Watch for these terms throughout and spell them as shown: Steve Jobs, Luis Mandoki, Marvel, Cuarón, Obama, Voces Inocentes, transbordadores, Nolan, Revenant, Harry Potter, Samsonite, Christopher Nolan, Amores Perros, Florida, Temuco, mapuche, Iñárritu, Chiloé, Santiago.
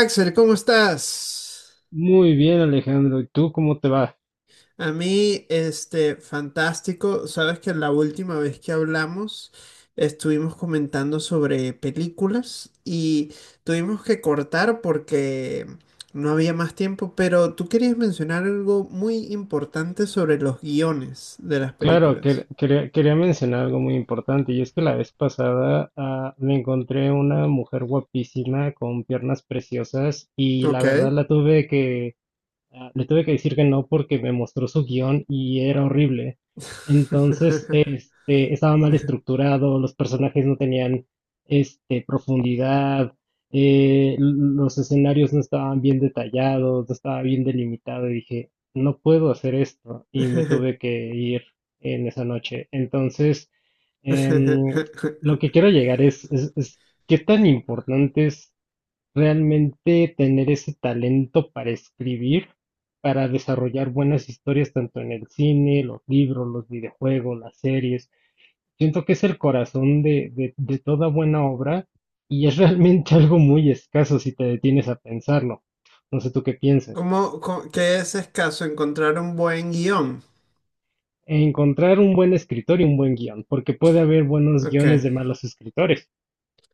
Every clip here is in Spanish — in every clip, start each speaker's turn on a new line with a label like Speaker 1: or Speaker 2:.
Speaker 1: Axel, ¿cómo estás?
Speaker 2: Muy bien, Alejandro. ¿Y tú cómo te va?
Speaker 1: A mí, fantástico. Sabes que la última vez que hablamos estuvimos comentando sobre películas y tuvimos que cortar porque no había más tiempo, pero tú querías mencionar algo muy importante sobre los guiones de las
Speaker 2: Claro,
Speaker 1: películas.
Speaker 2: quería mencionar algo muy importante, y es que la vez pasada me encontré una mujer guapísima con piernas preciosas y la
Speaker 1: Ok.
Speaker 2: verdad la tuve que... Ah, le tuve que decir que no porque me mostró su guión y era horrible. Entonces, este, estaba mal estructurado, los personajes no tenían, este, profundidad, los escenarios no estaban bien detallados, no estaba bien delimitado y dije, no puedo hacer esto y me tuve que ir en esa noche. Entonces, em, lo que quiero llegar es, ¿qué tan importantes realmente tener ese talento para escribir, para desarrollar buenas historias tanto en el cine, los libros, los videojuegos, las series? Siento que es el corazón de toda buena obra y es realmente algo muy escaso si te detienes a pensarlo. No sé tú qué piensas.
Speaker 1: ¿Qué es escaso encontrar un buen guión?
Speaker 2: Encontrar un buen escritor y un buen guión, porque puede haber buenos
Speaker 1: Ok.
Speaker 2: guiones de malos escritores,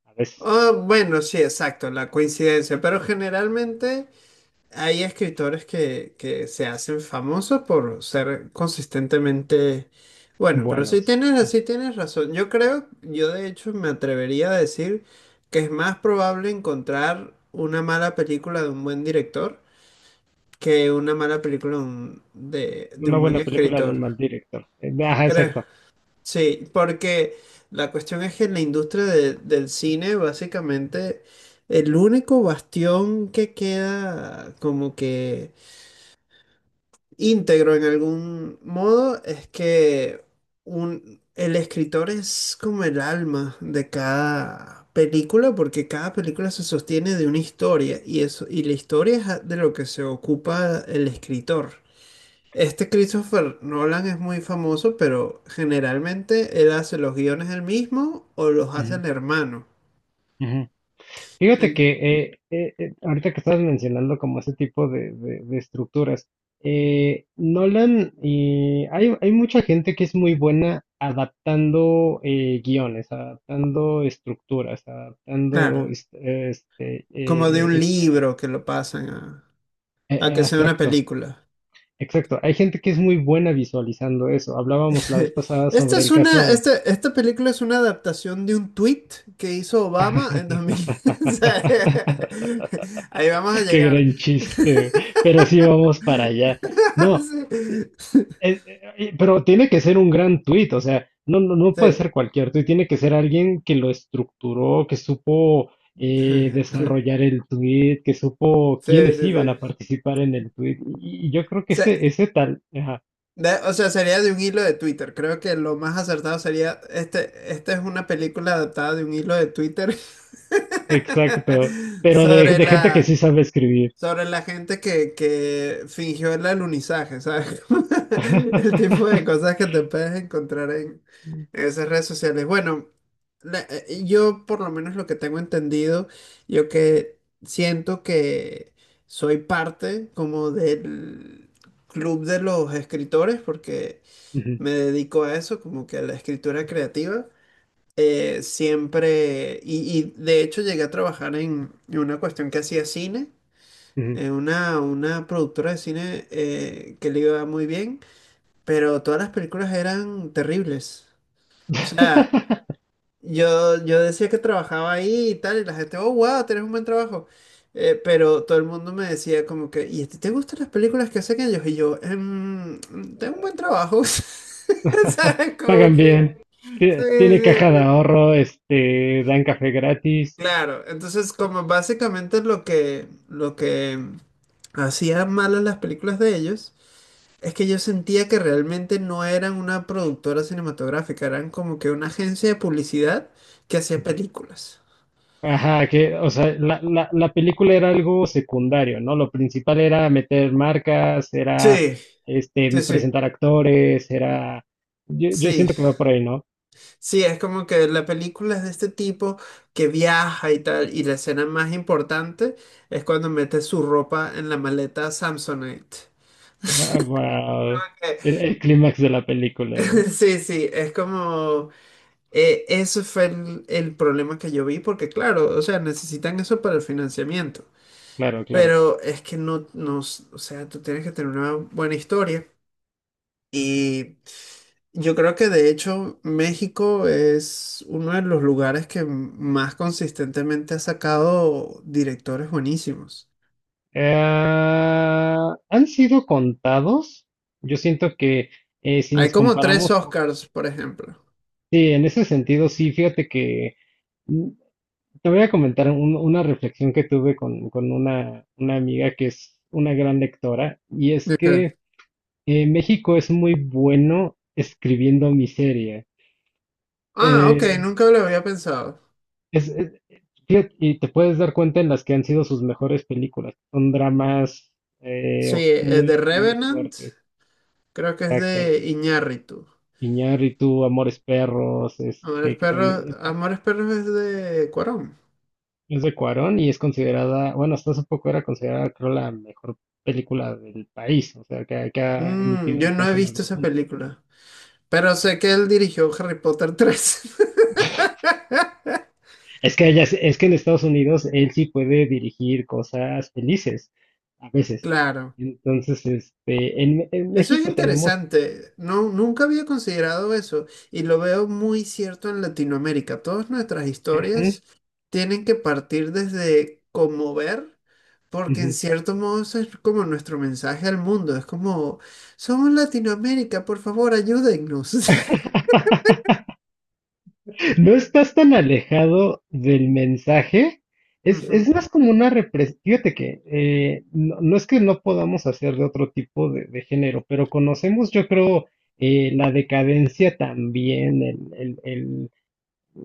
Speaker 2: a veces
Speaker 1: Ah, bueno, sí, exacto, la coincidencia, pero generalmente hay escritores que se hacen famosos por ser consistentemente. Bueno, pero si
Speaker 2: buenos.
Speaker 1: tienes, sí tienes razón. Yo de hecho me atrevería a decir que es más probable encontrar una mala película de un buen director que una mala película de de
Speaker 2: Una
Speaker 1: un buen
Speaker 2: buena película de
Speaker 1: escritor.
Speaker 2: un mal director. Ajá,
Speaker 1: ¿Crees?
Speaker 2: exacto.
Speaker 1: Sí, porque la cuestión es que en la industria del cine, básicamente, el único bastión que queda como que íntegro en algún modo es que el escritor es como el alma de cada película, porque cada película se sostiene de una historia y eso, y la historia es de lo que se ocupa el escritor. Christopher Nolan es muy famoso, pero generalmente él hace los guiones él mismo o los hace
Speaker 2: Ujú,
Speaker 1: el hermano.
Speaker 2: ujú. Fíjate que
Speaker 1: En-
Speaker 2: ahorita que estabas mencionando como ese tipo de estructuras, Nolan, y hay mucha gente que es muy buena adaptando guiones, adaptando estructuras, adaptando
Speaker 1: claro, como de un
Speaker 2: escenas.
Speaker 1: libro que lo pasan a, a que sea una
Speaker 2: Exacto,
Speaker 1: película.
Speaker 2: exacto. Hay gente que es muy buena visualizando eso. Hablábamos la vez pasada
Speaker 1: Esta
Speaker 2: sobre
Speaker 1: es
Speaker 2: el
Speaker 1: una,
Speaker 2: caso.
Speaker 1: esta, esta película es una adaptación de un tweet que hizo Obama en 2000. O sea, ahí vamos a
Speaker 2: Qué
Speaker 1: llegar.
Speaker 2: gran chiste, pero sí vamos para allá. No, pero tiene que ser un gran tuit, o sea, no
Speaker 1: Sí.
Speaker 2: puede
Speaker 1: Sí.
Speaker 2: ser cualquier tuit, tiene que ser alguien que lo estructuró, que supo desarrollar el tuit, que supo
Speaker 1: Sí,
Speaker 2: quiénes
Speaker 1: sí,
Speaker 2: iban a
Speaker 1: sí. O
Speaker 2: participar en el tuit. Y yo creo que
Speaker 1: sea,
Speaker 2: ese tal, ajá,
Speaker 1: Sería de un hilo de Twitter. Creo que lo más acertado sería, esta es una película adaptada de un hilo de Twitter
Speaker 2: exacto, pero
Speaker 1: sobre
Speaker 2: de gente que
Speaker 1: la,
Speaker 2: sí sabe escribir.
Speaker 1: sobre la gente que fingió el alunizaje, ¿sabes? El tipo de cosas que te puedes encontrar en esas redes sociales. Bueno, yo por lo menos lo que tengo entendido, yo que siento que soy parte como del club de los escritores, porque
Speaker 2: Ujú,
Speaker 1: me dedico a eso, como que a la escritura creativa. Siempre, y de hecho llegué a trabajar en una cuestión que hacía cine,
Speaker 2: ujú.
Speaker 1: una productora de cine que le iba muy bien, pero todas las películas eran terribles. O sea, yo decía que trabajaba ahí y tal, y la gente, oh, wow, tenés un buen trabajo. Pero todo el mundo me decía como que, ¿y a ti te gustan las películas que hacen ellos? Y yo, "Tengo un buen trabajo. ¿Sabes? Como
Speaker 2: Pagan
Speaker 1: que.
Speaker 2: bien,
Speaker 1: Sí,
Speaker 2: tiene
Speaker 1: sí,
Speaker 2: caja de
Speaker 1: sí.
Speaker 2: ahorro, este, dan café gratis.
Speaker 1: Claro, entonces como básicamente lo que hacían malas las películas de ellos es que yo sentía que realmente no eran una productora cinematográfica, eran como que una agencia de publicidad que hacía películas.
Speaker 2: Ajá, que, o sea, la película era algo secundario, ¿no? Lo principal era meter marcas, era,
Speaker 1: Sí, sí,
Speaker 2: este,
Speaker 1: sí,
Speaker 2: presentar actores, era, yo
Speaker 1: sí,
Speaker 2: siento que va por ahí, ¿no?
Speaker 1: sí, es como que la película es de este tipo que viaja y tal, y la escena más importante es cuando mete su ropa en la maleta Samsonite.
Speaker 2: Ah, wow.
Speaker 1: Eh,
Speaker 2: El clímax de la película,
Speaker 1: Sí, sí, es como. Eso fue el problema que yo vi, porque claro, o sea, necesitan eso para el financiamiento.
Speaker 2: claro, claro.
Speaker 1: Pero es que no, no, o sea, tú tienes que tener una buena historia. Y yo creo que de hecho México es uno de los lugares que más consistentemente ha sacado directores buenísimos.
Speaker 2: Eh, han sido contados. Yo siento que si
Speaker 1: Hay
Speaker 2: nos
Speaker 1: como tres
Speaker 2: comparamos,
Speaker 1: Oscars, por ejemplo.
Speaker 2: sí, en ese sentido, sí. Fíjate que mm, te voy a comentar un- una reflexión que tuve con una amiga que es una gran lectora, y es
Speaker 1: ¿De qué?
Speaker 2: que México es muy bueno escribiendo miseria.
Speaker 1: Ah, ok,
Speaker 2: Eh,
Speaker 1: nunca lo había pensado.
Speaker 2: es, es- fíjate, y te puedes dar cuenta en las que han sido sus mejores películas. Son dramas
Speaker 1: Sí, el de
Speaker 2: muy, muy
Speaker 1: Revenant,
Speaker 2: fuertes.
Speaker 1: creo que es de
Speaker 2: Exacto.
Speaker 1: Iñárritu.
Speaker 2: Iñárritu, Amores Perros, este,
Speaker 1: Amores
Speaker 2: que también
Speaker 1: Perros, Amores Perros es de Cuarón.
Speaker 2: es de Cuarón y es considerada, bueno, hasta hace poco era considerada, creo, la mejor película del país, o sea, que, que ha
Speaker 1: Mm,
Speaker 2: emitido
Speaker 1: yo
Speaker 2: el
Speaker 1: no he
Speaker 2: país en
Speaker 1: visto
Speaker 2: algún
Speaker 1: esa
Speaker 2: punto.
Speaker 1: película. Pero sé que él dirigió Harry Potter tres.
Speaker 2: Es que ella, es que en Estados Unidos él sí puede dirigir cosas felices, a veces.
Speaker 1: Claro.
Speaker 2: Entonces, este, en
Speaker 1: Eso es
Speaker 2: México tenemos...
Speaker 1: interesante. No, nunca había considerado eso y lo veo muy cierto en Latinoamérica. Todas nuestras
Speaker 2: Ujú,
Speaker 1: historias tienen que partir desde conmover, porque en
Speaker 2: ujú.
Speaker 1: cierto modo eso es como nuestro mensaje al mundo. Es como, somos Latinoamérica, por favor, ayúdennos.
Speaker 2: No estás tan alejado del mensaje. Es
Speaker 1: Ujú.
Speaker 2: más como una represión. Fíjate que no, no es que no podamos hacer de otro tipo de género, pero conocemos, yo creo, la decadencia también, el, el- el-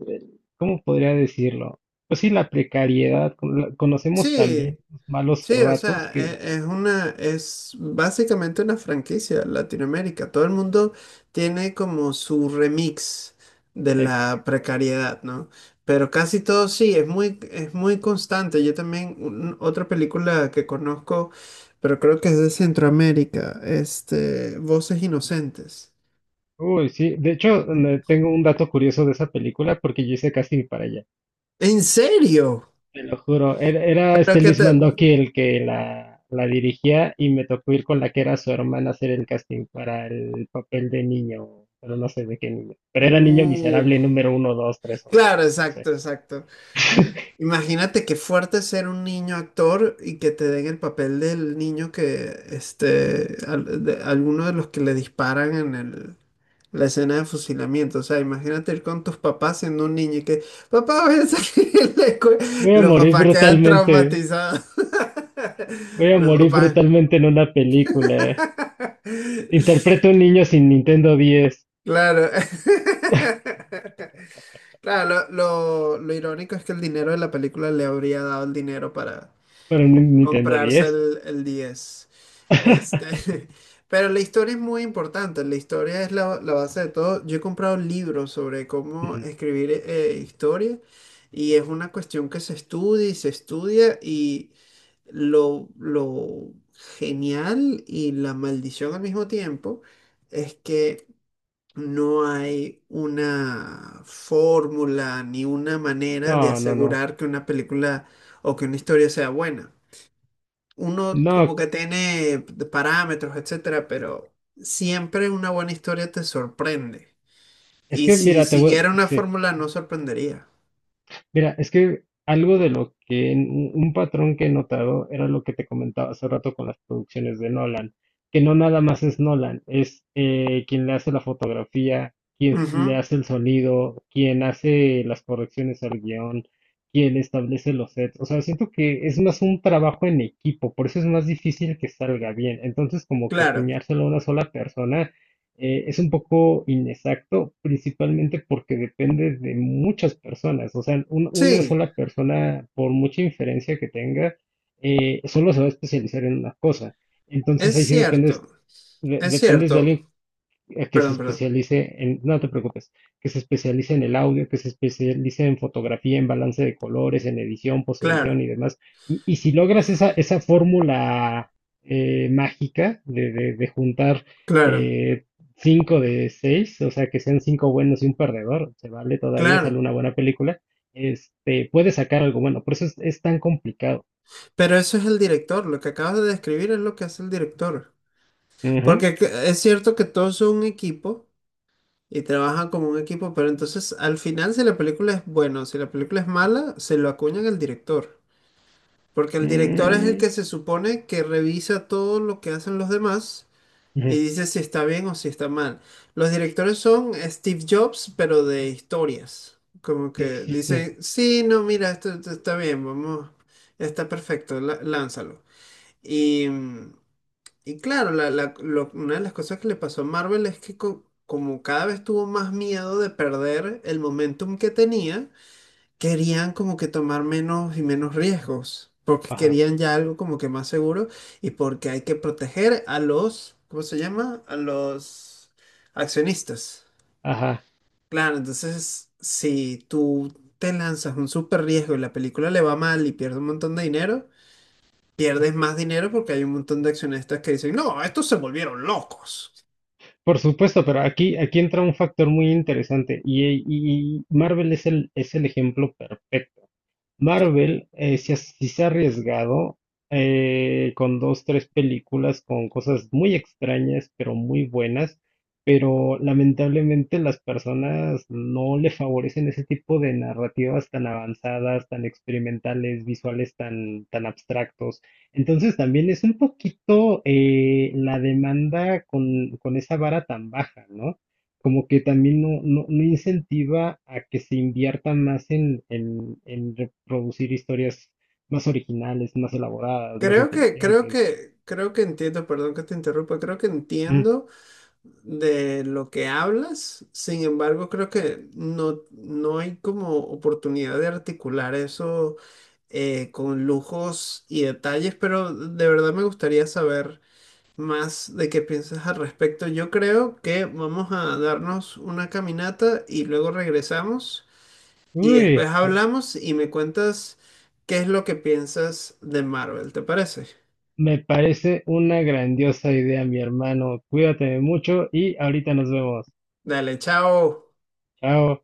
Speaker 2: el- ¿cómo podría decirlo? Pues sí, la precariedad. Conocemos
Speaker 1: Sí,
Speaker 2: también los malos
Speaker 1: sí, o
Speaker 2: ratos
Speaker 1: sea,
Speaker 2: que...
Speaker 1: es básicamente una franquicia Latinoamérica. Todo el mundo tiene como su remix de la
Speaker 2: Exacto.
Speaker 1: precariedad, ¿no? Pero casi todo sí, es muy constante. Yo también, otra película que conozco, pero creo que es de Centroamérica, Voces Inocentes.
Speaker 2: Uy, sí. De hecho, tengo un dato curioso de esa película porque yo hice casting para ella.
Speaker 1: ¿En serio?
Speaker 2: Te lo juro, era
Speaker 1: Pero
Speaker 2: este
Speaker 1: que
Speaker 2: Luis
Speaker 1: te.
Speaker 2: Mandoki el que la dirigía y me tocó ir con la que era su hermana a hacer el casting para el papel de niño, pero no sé de qué niño. Pero era niño
Speaker 1: Uh,
Speaker 2: miserable número uno, dos, tres, o
Speaker 1: claro,
Speaker 2: no sé.
Speaker 1: exacto, exacto. Imagínate qué fuerte ser un niño actor y que te den el papel del niño que, alguno de los que le disparan en el, la escena de fusilamiento. O sea, imagínate ir con tus papás siendo un niño y que, papá, voy a salir de la escuela".
Speaker 2: Voy a
Speaker 1: Los
Speaker 2: morir
Speaker 1: papás quedan
Speaker 2: brutalmente,
Speaker 1: traumatizados.
Speaker 2: voy a
Speaker 1: Los
Speaker 2: morir
Speaker 1: papás.
Speaker 2: brutalmente en una película. Interpreto a un niño sin Nintendo 10,
Speaker 1: Claro. Claro, lo irónico es que el dinero de la película le habría dado el dinero para
Speaker 2: pero un Nintendo
Speaker 1: comprarse
Speaker 2: 10.
Speaker 1: el 10. Este, pero la historia es muy importante, la historia es la base de todo. Yo he comprado libros sobre cómo escribir historia y es una cuestión que se estudia y lo genial y la maldición al mismo tiempo es que no hay una fórmula ni una manera de
Speaker 2: No, no, no.
Speaker 1: asegurar que una película o que una historia sea buena. Uno como
Speaker 2: No,
Speaker 1: que tiene parámetros, etcétera, pero siempre una buena historia te sorprende.
Speaker 2: es
Speaker 1: Y
Speaker 2: que
Speaker 1: si
Speaker 2: mira, te voy,
Speaker 1: siguiera una
Speaker 2: sí.
Speaker 1: fórmula, no sorprendería.
Speaker 2: Mira, es que algo de lo que, un patrón que he notado era lo que te comentaba hace rato con las producciones de Nolan, que no nada más es Nolan, es quien le hace la fotografía, quien
Speaker 1: Ujú,
Speaker 2: le hace el sonido, quien hace las correcciones al guión, quien establece los sets. O sea, siento que es más un trabajo en equipo, por eso es más difícil que salga bien. Entonces, como que
Speaker 1: claro.
Speaker 2: acuñárselo a una sola persona es un poco inexacto, principalmente porque depende de muchas personas. O sea, una
Speaker 1: Sí,
Speaker 2: sola persona, por mucha inferencia que tenga, solo se va a especializar en una cosa. Entonces
Speaker 1: es
Speaker 2: ahí sí
Speaker 1: cierto.
Speaker 2: dependes,
Speaker 1: Es
Speaker 2: dependes de alguien
Speaker 1: cierto.
Speaker 2: que se
Speaker 1: Perdón, perdón.
Speaker 2: especialice en, no te preocupes, que se especialice en el audio, que se especialice en fotografía, en balance de colores, en edición, posedición
Speaker 1: Claro,
Speaker 2: y demás. Y si logras esa fórmula mágica de juntar
Speaker 1: claro,
Speaker 2: eh, cinco de seis, o sea, que sean cinco buenos y un perdedor, se vale todavía, sale
Speaker 1: claro.
Speaker 2: una buena película, este, puedes sacar algo bueno, por eso es tan complicado.
Speaker 1: Pero eso es el director. Lo que acabas de describir es lo que hace el director.
Speaker 2: Ujú.
Speaker 1: Porque es cierto que todos son un equipo y trabajan como un equipo, pero entonces al final si la película es buena o si la película es mala, se lo acuñan al director. Porque el director es el
Speaker 2: Mm,
Speaker 1: que se supone que revisa todo lo que hacen los demás
Speaker 2: ujú.
Speaker 1: y dice si está bien o si está mal. Los directores son Steve Jobs, pero de historias. Como
Speaker 2: Sí,
Speaker 1: que
Speaker 2: sí,
Speaker 1: dicen,
Speaker 2: sí.
Speaker 1: sí, no, mira, esto está bien, vamos, está perfecto, lánzalo. Y, mm, y claro, una de las cosas que le pasó a Marvel es que como cada vez tuvo más miedo de perder el momentum que tenía, querían como que tomar menos y menos riesgos, porque
Speaker 2: Ajá,
Speaker 1: querían ya algo como que más seguro y porque hay que proteger a los, ¿cómo se llama? A los accionistas.
Speaker 2: ajá.
Speaker 1: Claro, entonces si tú te lanzas un súper riesgo y la película le va mal y pierdes un montón de dinero, pierdes más dinero porque hay un montón de accionistas que dicen, no, estos se volvieron locos.
Speaker 2: Por supuesto, pero aquí, aquí entra un factor muy interesante, y Marvel es el ejemplo perfecto. Marvel, sí, sí se ha arriesgado con dos, tres películas con cosas muy extrañas, pero muy buenas. Pero lamentablemente las personas no le favorecen ese tipo de narrativas tan avanzadas, tan experimentales, visuales tan, tan abstractos. Entonces también es un poquito la demanda con esa vara tan baja, ¿no? Como que también no incentiva a que se invierta más en reproducir historias más originales, más elaboradas, más
Speaker 1: Creo que, creo
Speaker 2: inteligentes.
Speaker 1: que, creo que entiendo, perdón que te interrumpa, creo que
Speaker 2: Mm.
Speaker 1: entiendo de lo que hablas, sin embargo, creo que no, no hay como oportunidad de articular eso con lujos y detalles, pero de verdad me gustaría saber más de qué piensas al respecto. Yo creo que vamos a darnos una caminata y luego regresamos y después
Speaker 2: Uy,
Speaker 1: hablamos y me cuentas qué es lo que piensas de Marvel, ¿te parece?
Speaker 2: me parece una grandiosa idea, mi hermano. Cuídate mucho y ahorita nos vemos.
Speaker 1: Dale, chao.
Speaker 2: Chao.